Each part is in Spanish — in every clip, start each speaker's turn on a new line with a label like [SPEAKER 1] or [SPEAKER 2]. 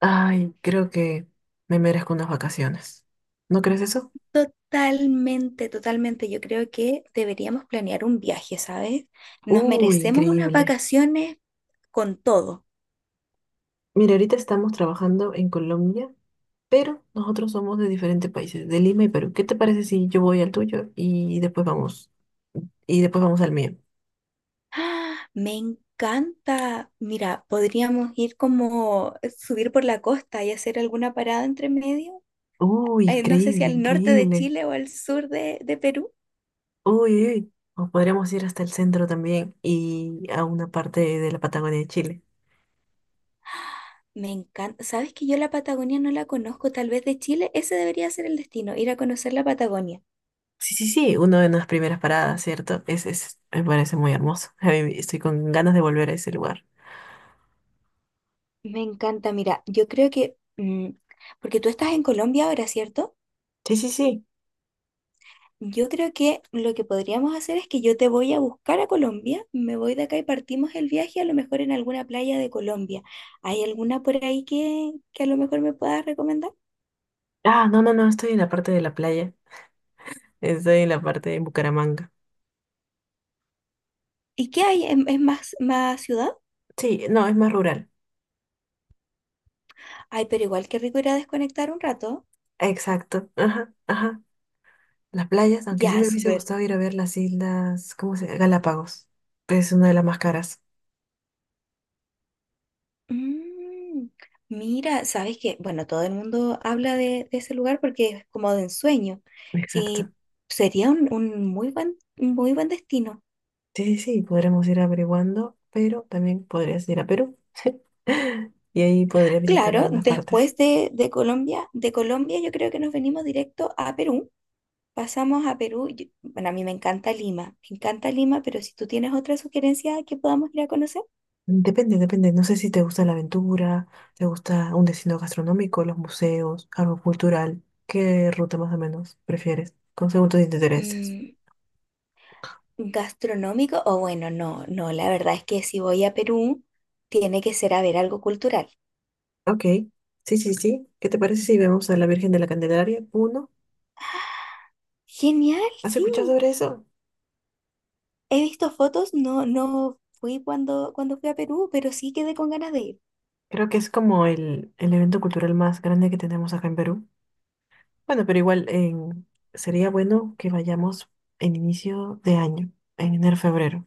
[SPEAKER 1] Ay, creo que me merezco unas vacaciones. ¿No crees eso?
[SPEAKER 2] Totalmente, totalmente. Yo creo que deberíamos planear un viaje, ¿sabes? Nos
[SPEAKER 1] Uy,
[SPEAKER 2] merecemos unas
[SPEAKER 1] increíble.
[SPEAKER 2] vacaciones con todo.
[SPEAKER 1] Mira, ahorita estamos trabajando en Colombia, pero nosotros somos de diferentes países, de Lima y Perú. ¿Qué te parece si yo voy al tuyo y después vamos al mío?
[SPEAKER 2] ¡Ah! Me encanta. Mira, podríamos ir como subir por la costa y hacer alguna parada entre medio.
[SPEAKER 1] Uy,
[SPEAKER 2] Eh, no sé si
[SPEAKER 1] increíble,
[SPEAKER 2] al norte de
[SPEAKER 1] increíble.
[SPEAKER 2] Chile o al sur de Perú.
[SPEAKER 1] Uy, uy, uy. O podríamos ir hasta el centro también y a una parte de la Patagonia de Chile.
[SPEAKER 2] Me encanta. ¿Sabes que yo la Patagonia no la conozco? Tal vez de Chile. Ese debería ser el destino, ir a conocer la Patagonia.
[SPEAKER 1] Sí, sí, sí, una de las primeras paradas, ¿cierto? Me parece muy hermoso. A mí estoy con ganas de volver a ese lugar.
[SPEAKER 2] Me encanta. Mira, yo creo que, porque tú estás en Colombia ahora, ¿cierto?
[SPEAKER 1] Sí, sí, sí.
[SPEAKER 2] Yo creo que lo que podríamos hacer es que yo te voy a buscar a Colombia, me voy de acá y partimos el viaje a lo mejor en alguna playa de Colombia. ¿Hay alguna por ahí que a lo mejor me puedas recomendar?
[SPEAKER 1] Ah, no, no, no, estoy en la parte de la playa. Estoy en la parte de Bucaramanga.
[SPEAKER 2] ¿Y qué hay? ¿Es más, más ciudad?
[SPEAKER 1] Sí, no, es más rural.
[SPEAKER 2] Ay, pero igual qué rico ir a desconectar un rato.
[SPEAKER 1] Exacto. Ajá, ajá. Las playas, aunque sí
[SPEAKER 2] Ya,
[SPEAKER 1] me hubiese
[SPEAKER 2] súper.
[SPEAKER 1] gustado ir a ver las islas, ¿cómo se Galápagos. Es una de las más caras.
[SPEAKER 2] Mm, mira, sabes que, bueno, todo el mundo habla de ese lugar porque es como de ensueño
[SPEAKER 1] Exacto.
[SPEAKER 2] y sería un muy buen, un muy buen destino.
[SPEAKER 1] Sí, sí, sí, podremos ir averiguando, pero también podrías ir a Perú. Y ahí podrías visitar
[SPEAKER 2] Claro,
[SPEAKER 1] algunas partes.
[SPEAKER 2] después de Colombia, yo creo que nos venimos directo a Perú. Pasamos a Perú. Bueno, a mí me encanta Lima, pero si tú tienes otra sugerencia que podamos ir a conocer.
[SPEAKER 1] Depende, depende. No sé si te gusta la aventura, te gusta un destino gastronómico, los museos, algo cultural. ¿Qué ruta más o menos prefieres? Con según tus intereses.
[SPEAKER 2] Mm, gastronómico, o bueno, no, no, la verdad es que si voy a Perú, tiene que ser a ver algo cultural.
[SPEAKER 1] Ok. Sí, sí, sí. ¿Qué te parece si vemos a la Virgen de la Candelaria? Uno.
[SPEAKER 2] Genial,
[SPEAKER 1] ¿Has
[SPEAKER 2] sí.
[SPEAKER 1] escuchado sobre eso?
[SPEAKER 2] He visto fotos, no, no fui cuando fui a Perú, pero sí quedé con ganas de ir.
[SPEAKER 1] Creo que es como el evento cultural más grande que tenemos acá en Perú. Bueno, pero igual en, sería bueno que vayamos en inicio de año, en enero, febrero.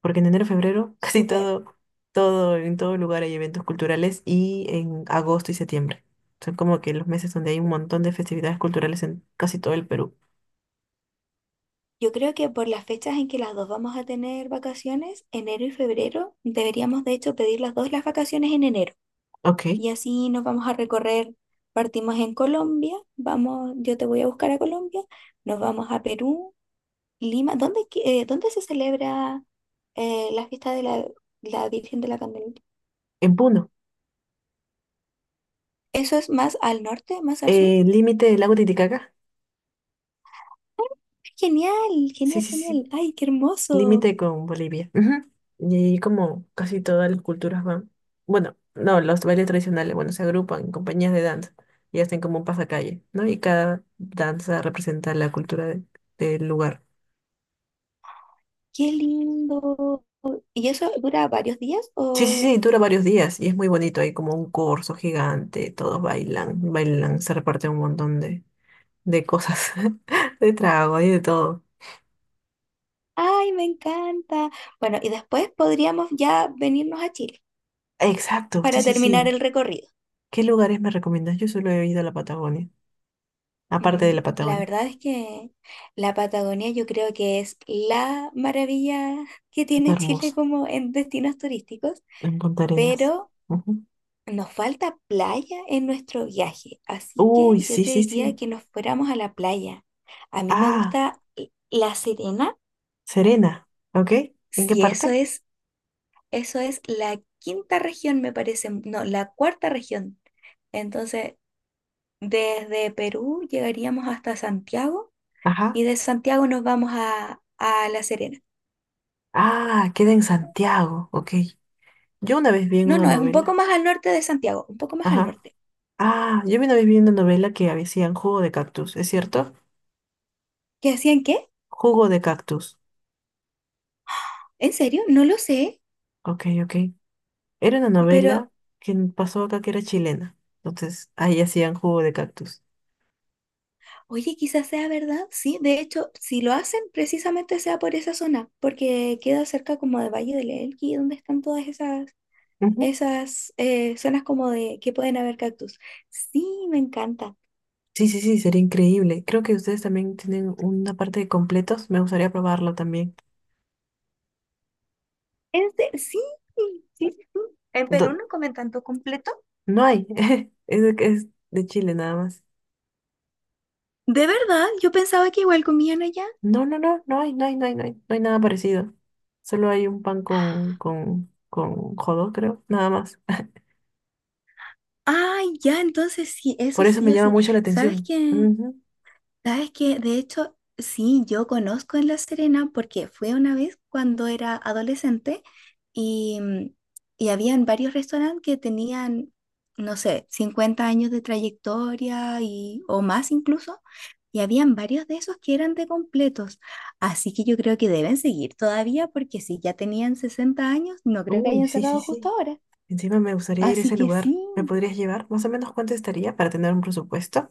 [SPEAKER 1] Porque en enero, febrero, casi
[SPEAKER 2] Súper.
[SPEAKER 1] todo, todo, en todo lugar hay eventos culturales y en agosto y septiembre. Son como que los meses donde hay un montón de festividades culturales en casi todo el Perú.
[SPEAKER 2] Yo creo que por las fechas en que las dos vamos a tener vacaciones, enero y febrero, deberíamos de hecho pedir las dos las vacaciones en enero.
[SPEAKER 1] Ok,
[SPEAKER 2] Y así nos vamos a recorrer, partimos en Colombia, vamos, yo te voy a buscar a Colombia, nos vamos a Perú, Lima. ¿Dónde, dónde se celebra la fiesta de la Virgen de la Candelaria?
[SPEAKER 1] en Puno.
[SPEAKER 2] ¿Eso es más al norte, más al sur?
[SPEAKER 1] Límite del lago Titicaca.
[SPEAKER 2] Genial,
[SPEAKER 1] Sí,
[SPEAKER 2] genial,
[SPEAKER 1] sí, sí.
[SPEAKER 2] genial. Ay, qué hermoso,
[SPEAKER 1] Límite con Bolivia. Ujú. Y ahí como casi todas las culturas van. Bueno, no, los bailes tradicionales, bueno, se agrupan en compañías de danza y hacen como un pasacalle, ¿no? Y cada danza representa la cultura de, del lugar.
[SPEAKER 2] qué lindo. ¿Y eso dura varios días?
[SPEAKER 1] Sí, sí, sí, dura varios días y es muy bonito. Hay como un corso gigante, todos bailan, bailan, se reparten un montón de cosas, de trago y de todo.
[SPEAKER 2] Ay, me encanta. Bueno, y después podríamos ya venirnos a Chile
[SPEAKER 1] Exacto, sí,
[SPEAKER 2] para
[SPEAKER 1] sí,
[SPEAKER 2] terminar
[SPEAKER 1] sí.
[SPEAKER 2] el recorrido.
[SPEAKER 1] ¿Qué lugares me recomiendas? Yo solo he ido a la Patagonia, aparte de
[SPEAKER 2] Mm,
[SPEAKER 1] la
[SPEAKER 2] la
[SPEAKER 1] Patagonia.
[SPEAKER 2] verdad es que la Patagonia yo creo que es la maravilla que
[SPEAKER 1] Está
[SPEAKER 2] tiene Chile
[SPEAKER 1] hermosa,
[SPEAKER 2] como en destinos turísticos,
[SPEAKER 1] en Punta Arenas.
[SPEAKER 2] pero
[SPEAKER 1] Ujú.
[SPEAKER 2] nos falta playa en nuestro viaje, así
[SPEAKER 1] Uy,
[SPEAKER 2] que yo
[SPEAKER 1] sí,
[SPEAKER 2] te
[SPEAKER 1] sí,
[SPEAKER 2] diría
[SPEAKER 1] sí.
[SPEAKER 2] que nos fuéramos a la playa. A mí me
[SPEAKER 1] Ah,
[SPEAKER 2] gusta La Serena,
[SPEAKER 1] Serena, ¿ok? ¿En qué
[SPEAKER 2] si eso
[SPEAKER 1] parte?
[SPEAKER 2] es, eso es la quinta región, me parece, no, la cuarta región. Entonces, desde Perú llegaríamos hasta Santiago
[SPEAKER 1] Ajá.
[SPEAKER 2] y de Santiago nos vamos a La Serena.
[SPEAKER 1] Ah, queda en Santiago, ok. Yo una vez vi en
[SPEAKER 2] No,
[SPEAKER 1] una
[SPEAKER 2] no, es un poco
[SPEAKER 1] novela.
[SPEAKER 2] más al norte de Santiago, un poco más al
[SPEAKER 1] Ajá.
[SPEAKER 2] norte.
[SPEAKER 1] Ah, yo me una vez vi una novela que decían jugo de cactus, ¿es cierto?
[SPEAKER 2] ¿Qué hacían qué?
[SPEAKER 1] Jugo de cactus.
[SPEAKER 2] ¿En serio? No lo sé,
[SPEAKER 1] Ok, ok. Era una
[SPEAKER 2] pero
[SPEAKER 1] novela que pasó acá que era chilena. Entonces, ahí hacían jugo de cactus.
[SPEAKER 2] oye, quizás sea verdad, sí. De hecho, si lo hacen, precisamente sea por esa zona, porque queda cerca como de Valle del Elqui, donde están todas
[SPEAKER 1] Ujú.
[SPEAKER 2] esas zonas como de que pueden haber cactus. Sí, me encanta.
[SPEAKER 1] Sí, sí, sí, sería increíble. Creo que ustedes también tienen una parte de completos. Me gustaría probarlo también.
[SPEAKER 2] Sí, sí, sí. ¿En Perú
[SPEAKER 1] Do-
[SPEAKER 2] no comen tanto completo?
[SPEAKER 1] no hay. Es de Chile nada más.
[SPEAKER 2] ¿De verdad? Yo pensaba que igual comían allá.
[SPEAKER 1] No, no, no, no hay, no hay, no hay, no hay. No hay nada parecido. Solo hay un pan con jodo, creo. Nada más.
[SPEAKER 2] Ay, ya, entonces sí, eso
[SPEAKER 1] Por eso
[SPEAKER 2] sí
[SPEAKER 1] me
[SPEAKER 2] o
[SPEAKER 1] llama
[SPEAKER 2] sí.
[SPEAKER 1] mucho la
[SPEAKER 2] ¿Sabes
[SPEAKER 1] atención.
[SPEAKER 2] qué?
[SPEAKER 1] Ujú.
[SPEAKER 2] ¿Sabes qué? De hecho, sí, yo conozco en La Serena porque fui una vez cuando era adolescente y, y habían varios restaurantes que tenían, no sé, 50 años de trayectoria y, o más incluso. Y habían varios de esos que eran de completos. Así que yo creo que deben seguir todavía porque si ya tenían 60 años, no creo que
[SPEAKER 1] Uy,
[SPEAKER 2] hayan
[SPEAKER 1] sí, sí,
[SPEAKER 2] cerrado justo
[SPEAKER 1] sí.
[SPEAKER 2] ahora.
[SPEAKER 1] Encima me gustaría ir a
[SPEAKER 2] Así
[SPEAKER 1] ese
[SPEAKER 2] que
[SPEAKER 1] lugar.
[SPEAKER 2] sí.
[SPEAKER 1] ¿Me podrías llevar? Más o menos cuánto estaría para tener un presupuesto.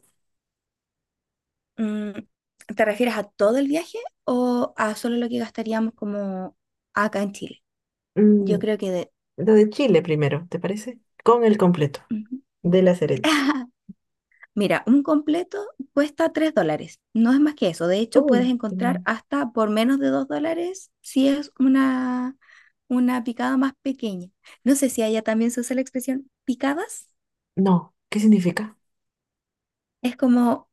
[SPEAKER 2] Mm, ¿te refieres a todo el viaje o a solo lo que gastaríamos como acá en Chile? Yo
[SPEAKER 1] Mm,
[SPEAKER 2] creo que de...
[SPEAKER 1] lo de Chile primero, ¿te parece? Con el completo.
[SPEAKER 2] Ujú.
[SPEAKER 1] De la Serena.
[SPEAKER 2] Mira, un completo cuesta $3. No es más que eso. De hecho, puedes
[SPEAKER 1] Uy,
[SPEAKER 2] encontrar
[SPEAKER 1] genial.
[SPEAKER 2] hasta por menos de $2 si es una picada más pequeña. No sé si allá también se usa la expresión picadas.
[SPEAKER 1] No, ¿qué significa?
[SPEAKER 2] Es como,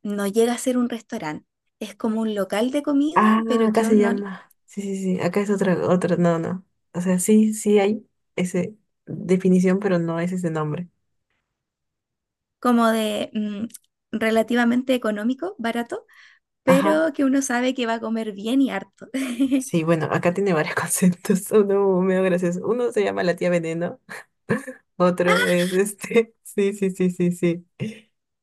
[SPEAKER 2] no llega a ser un restaurante. Es como un local de comida,
[SPEAKER 1] Ah,
[SPEAKER 2] pero
[SPEAKER 1] acá
[SPEAKER 2] que
[SPEAKER 1] se
[SPEAKER 2] uno
[SPEAKER 1] llama. Sí, sí, sí. Acá es otra, otra. No, no. O sea, sí, sí hay esa definición, pero no es ese nombre.
[SPEAKER 2] como de relativamente económico, barato,
[SPEAKER 1] Ajá.
[SPEAKER 2] pero que uno sabe que va a comer bien y harto.
[SPEAKER 1] Sí, bueno, acá tiene varios conceptos. Uno medio gracioso. Uno se llama la tía Veneno. Otro es este. Sí, sí, sí, sí, sí.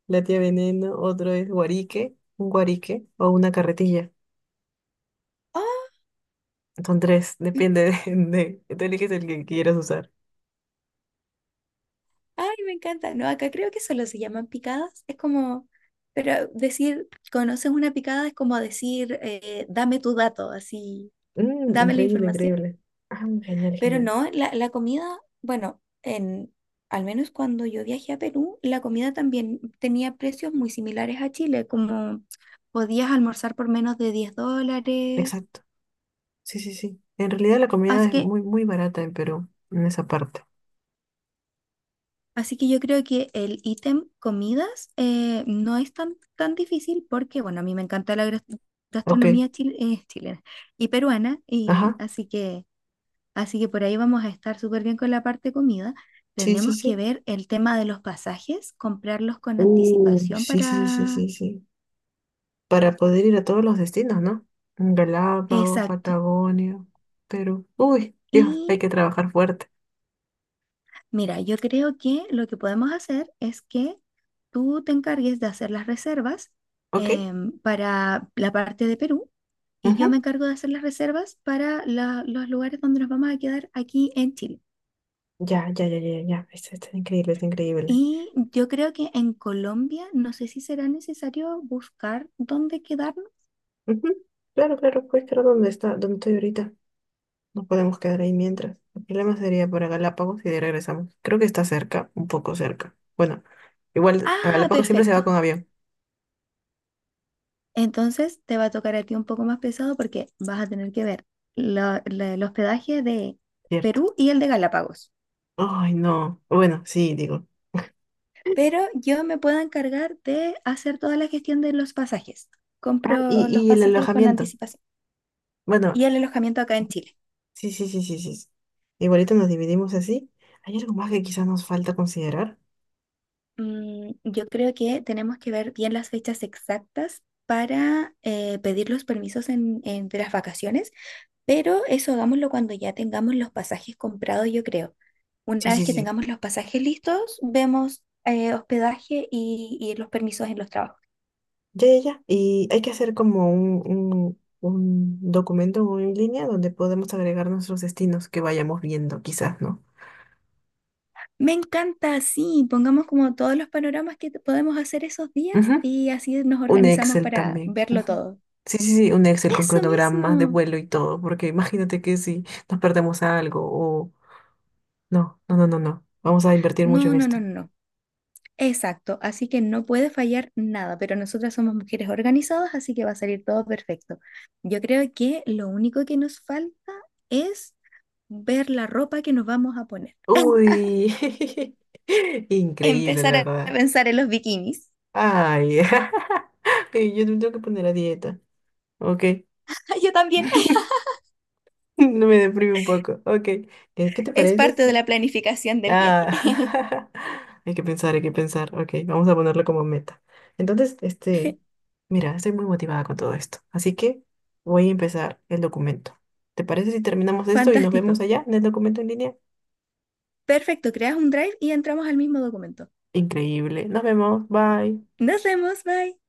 [SPEAKER 1] La tía Veneno. Otro es guarique. Un guarique o una carretilla.
[SPEAKER 2] ¡Oh!
[SPEAKER 1] Son tres. Depende de, de. Tú eliges el que quieras usar.
[SPEAKER 2] Ay, me encanta. No, acá creo que solo se llaman picadas. Es como, pero decir, conoces una picada es como decir, dame tu dato, así,
[SPEAKER 1] Mm,
[SPEAKER 2] dame la
[SPEAKER 1] increíble,
[SPEAKER 2] información.
[SPEAKER 1] increíble. Ah, genial,
[SPEAKER 2] Pero
[SPEAKER 1] genial.
[SPEAKER 2] no, la comida, bueno, en, al menos cuando yo viajé a Perú, la comida también tenía precios muy similares a Chile, como podías almorzar por menos de $10.
[SPEAKER 1] Exacto. Sí, sí, sí. En realidad la comida
[SPEAKER 2] Así
[SPEAKER 1] es
[SPEAKER 2] que,
[SPEAKER 1] muy, muy barata en Perú, en esa parte.
[SPEAKER 2] así que yo creo que el ítem comidas no es tan, tan difícil porque, bueno, a mí me encanta la
[SPEAKER 1] Ok.
[SPEAKER 2] gastronomía chilena y peruana, y
[SPEAKER 1] Ajá.
[SPEAKER 2] así que por ahí vamos a estar súper bien con la parte comida.
[SPEAKER 1] Sí, sí,
[SPEAKER 2] Tenemos que
[SPEAKER 1] sí.
[SPEAKER 2] ver el tema de los pasajes, comprarlos con anticipación
[SPEAKER 1] Sí, sí, sí,
[SPEAKER 2] para...
[SPEAKER 1] sí, sí. Para poder ir a todos los destinos, ¿no? Galápagos,
[SPEAKER 2] Exacto.
[SPEAKER 1] Patagonia, Perú. Uy, Dios,
[SPEAKER 2] Y
[SPEAKER 1] hay que trabajar fuerte,
[SPEAKER 2] mira, yo creo que lo que podemos hacer es que tú te encargues de hacer las reservas
[SPEAKER 1] ¿ok?
[SPEAKER 2] para la parte de Perú y yo me
[SPEAKER 1] Ujú.
[SPEAKER 2] encargo de hacer las reservas para los lugares donde nos vamos a quedar aquí en Chile.
[SPEAKER 1] Ya, ya, ya, ya, ya. Está, está increíble, está increíble.
[SPEAKER 2] Y yo creo que en Colombia, no sé si será necesario buscar dónde quedarnos.
[SPEAKER 1] Ujú. Claro, claro, puedes quedar dónde está, ¿dónde estoy ahorita? No podemos quedar ahí mientras. El problema sería para Galápagos y de ahí regresamos. Creo que está cerca, un poco cerca. Bueno, igual a
[SPEAKER 2] Ah,
[SPEAKER 1] Galápagos siempre se
[SPEAKER 2] perfecto.
[SPEAKER 1] va con avión,
[SPEAKER 2] Entonces te va a tocar a ti un poco más pesado porque vas a tener que ver el hospedaje de
[SPEAKER 1] ¿cierto?
[SPEAKER 2] Perú y el de Galápagos.
[SPEAKER 1] Ay, no. Bueno, sí, digo.
[SPEAKER 2] Pero yo me puedo encargar de hacer toda la gestión de los pasajes.
[SPEAKER 1] Ah,
[SPEAKER 2] Compro los
[SPEAKER 1] y el
[SPEAKER 2] pasajes con
[SPEAKER 1] alojamiento.
[SPEAKER 2] anticipación
[SPEAKER 1] Bueno,
[SPEAKER 2] y el alojamiento acá en Chile.
[SPEAKER 1] sí, sí, sí, sí, sí, sí. Igualito nos dividimos así. ¿Hay algo más que quizás nos falta considerar?
[SPEAKER 2] Mm, yo creo que tenemos que ver bien las fechas exactas para pedir los permisos de las vacaciones, pero eso hagámoslo cuando ya tengamos los pasajes comprados, yo creo.
[SPEAKER 1] Sí,
[SPEAKER 2] Una vez
[SPEAKER 1] sí,
[SPEAKER 2] que
[SPEAKER 1] sí.
[SPEAKER 2] tengamos los pasajes listos, vemos hospedaje y los permisos en los trabajos.
[SPEAKER 1] Ya, ya, ya. Y hay que hacer como un documento o en línea donde podemos agregar nuestros destinos que vayamos viendo, quizás, ¿no?
[SPEAKER 2] Me encanta, sí, pongamos como todos los panoramas que podemos hacer esos días
[SPEAKER 1] Ujú.
[SPEAKER 2] y así nos
[SPEAKER 1] Un
[SPEAKER 2] organizamos
[SPEAKER 1] Excel
[SPEAKER 2] para
[SPEAKER 1] también,
[SPEAKER 2] verlo
[SPEAKER 1] ujú.
[SPEAKER 2] todo.
[SPEAKER 1] Sí, sí, sí, un Excel con
[SPEAKER 2] Eso
[SPEAKER 1] cronogramas de
[SPEAKER 2] mismo.
[SPEAKER 1] vuelo y todo, porque imagínate que si nos perdemos algo o... no, no, no, no, no. Vamos a invertir mucho
[SPEAKER 2] No,
[SPEAKER 1] en
[SPEAKER 2] no, no,
[SPEAKER 1] esto.
[SPEAKER 2] no, no. Exacto, así que no puede fallar nada, pero nosotras somos mujeres organizadas, así que va a salir todo perfecto. Yo creo que lo único que nos falta es ver la ropa que nos vamos a poner.
[SPEAKER 1] Uy, increíble, la
[SPEAKER 2] Empezar a
[SPEAKER 1] verdad.
[SPEAKER 2] pensar en los bikinis.
[SPEAKER 1] Ay, ay, yo me tengo que poner a dieta. Ok,
[SPEAKER 2] Yo también.
[SPEAKER 1] no me deprime un poco. Ok, ¿qué te
[SPEAKER 2] Es
[SPEAKER 1] parece?
[SPEAKER 2] parte de
[SPEAKER 1] Sí.
[SPEAKER 2] la planificación del viaje.
[SPEAKER 1] Ah, hay que pensar, hay que pensar. Ok, vamos a ponerlo como meta. Entonces, este, mira, estoy muy motivada con todo esto. Así que voy a empezar el documento. ¿Te parece si terminamos esto y nos
[SPEAKER 2] Fantástico.
[SPEAKER 1] vemos allá en el documento en línea?
[SPEAKER 2] Perfecto, creas un drive y entramos al mismo documento.
[SPEAKER 1] Increíble. Nos vemos. Bye.
[SPEAKER 2] Nos vemos, bye.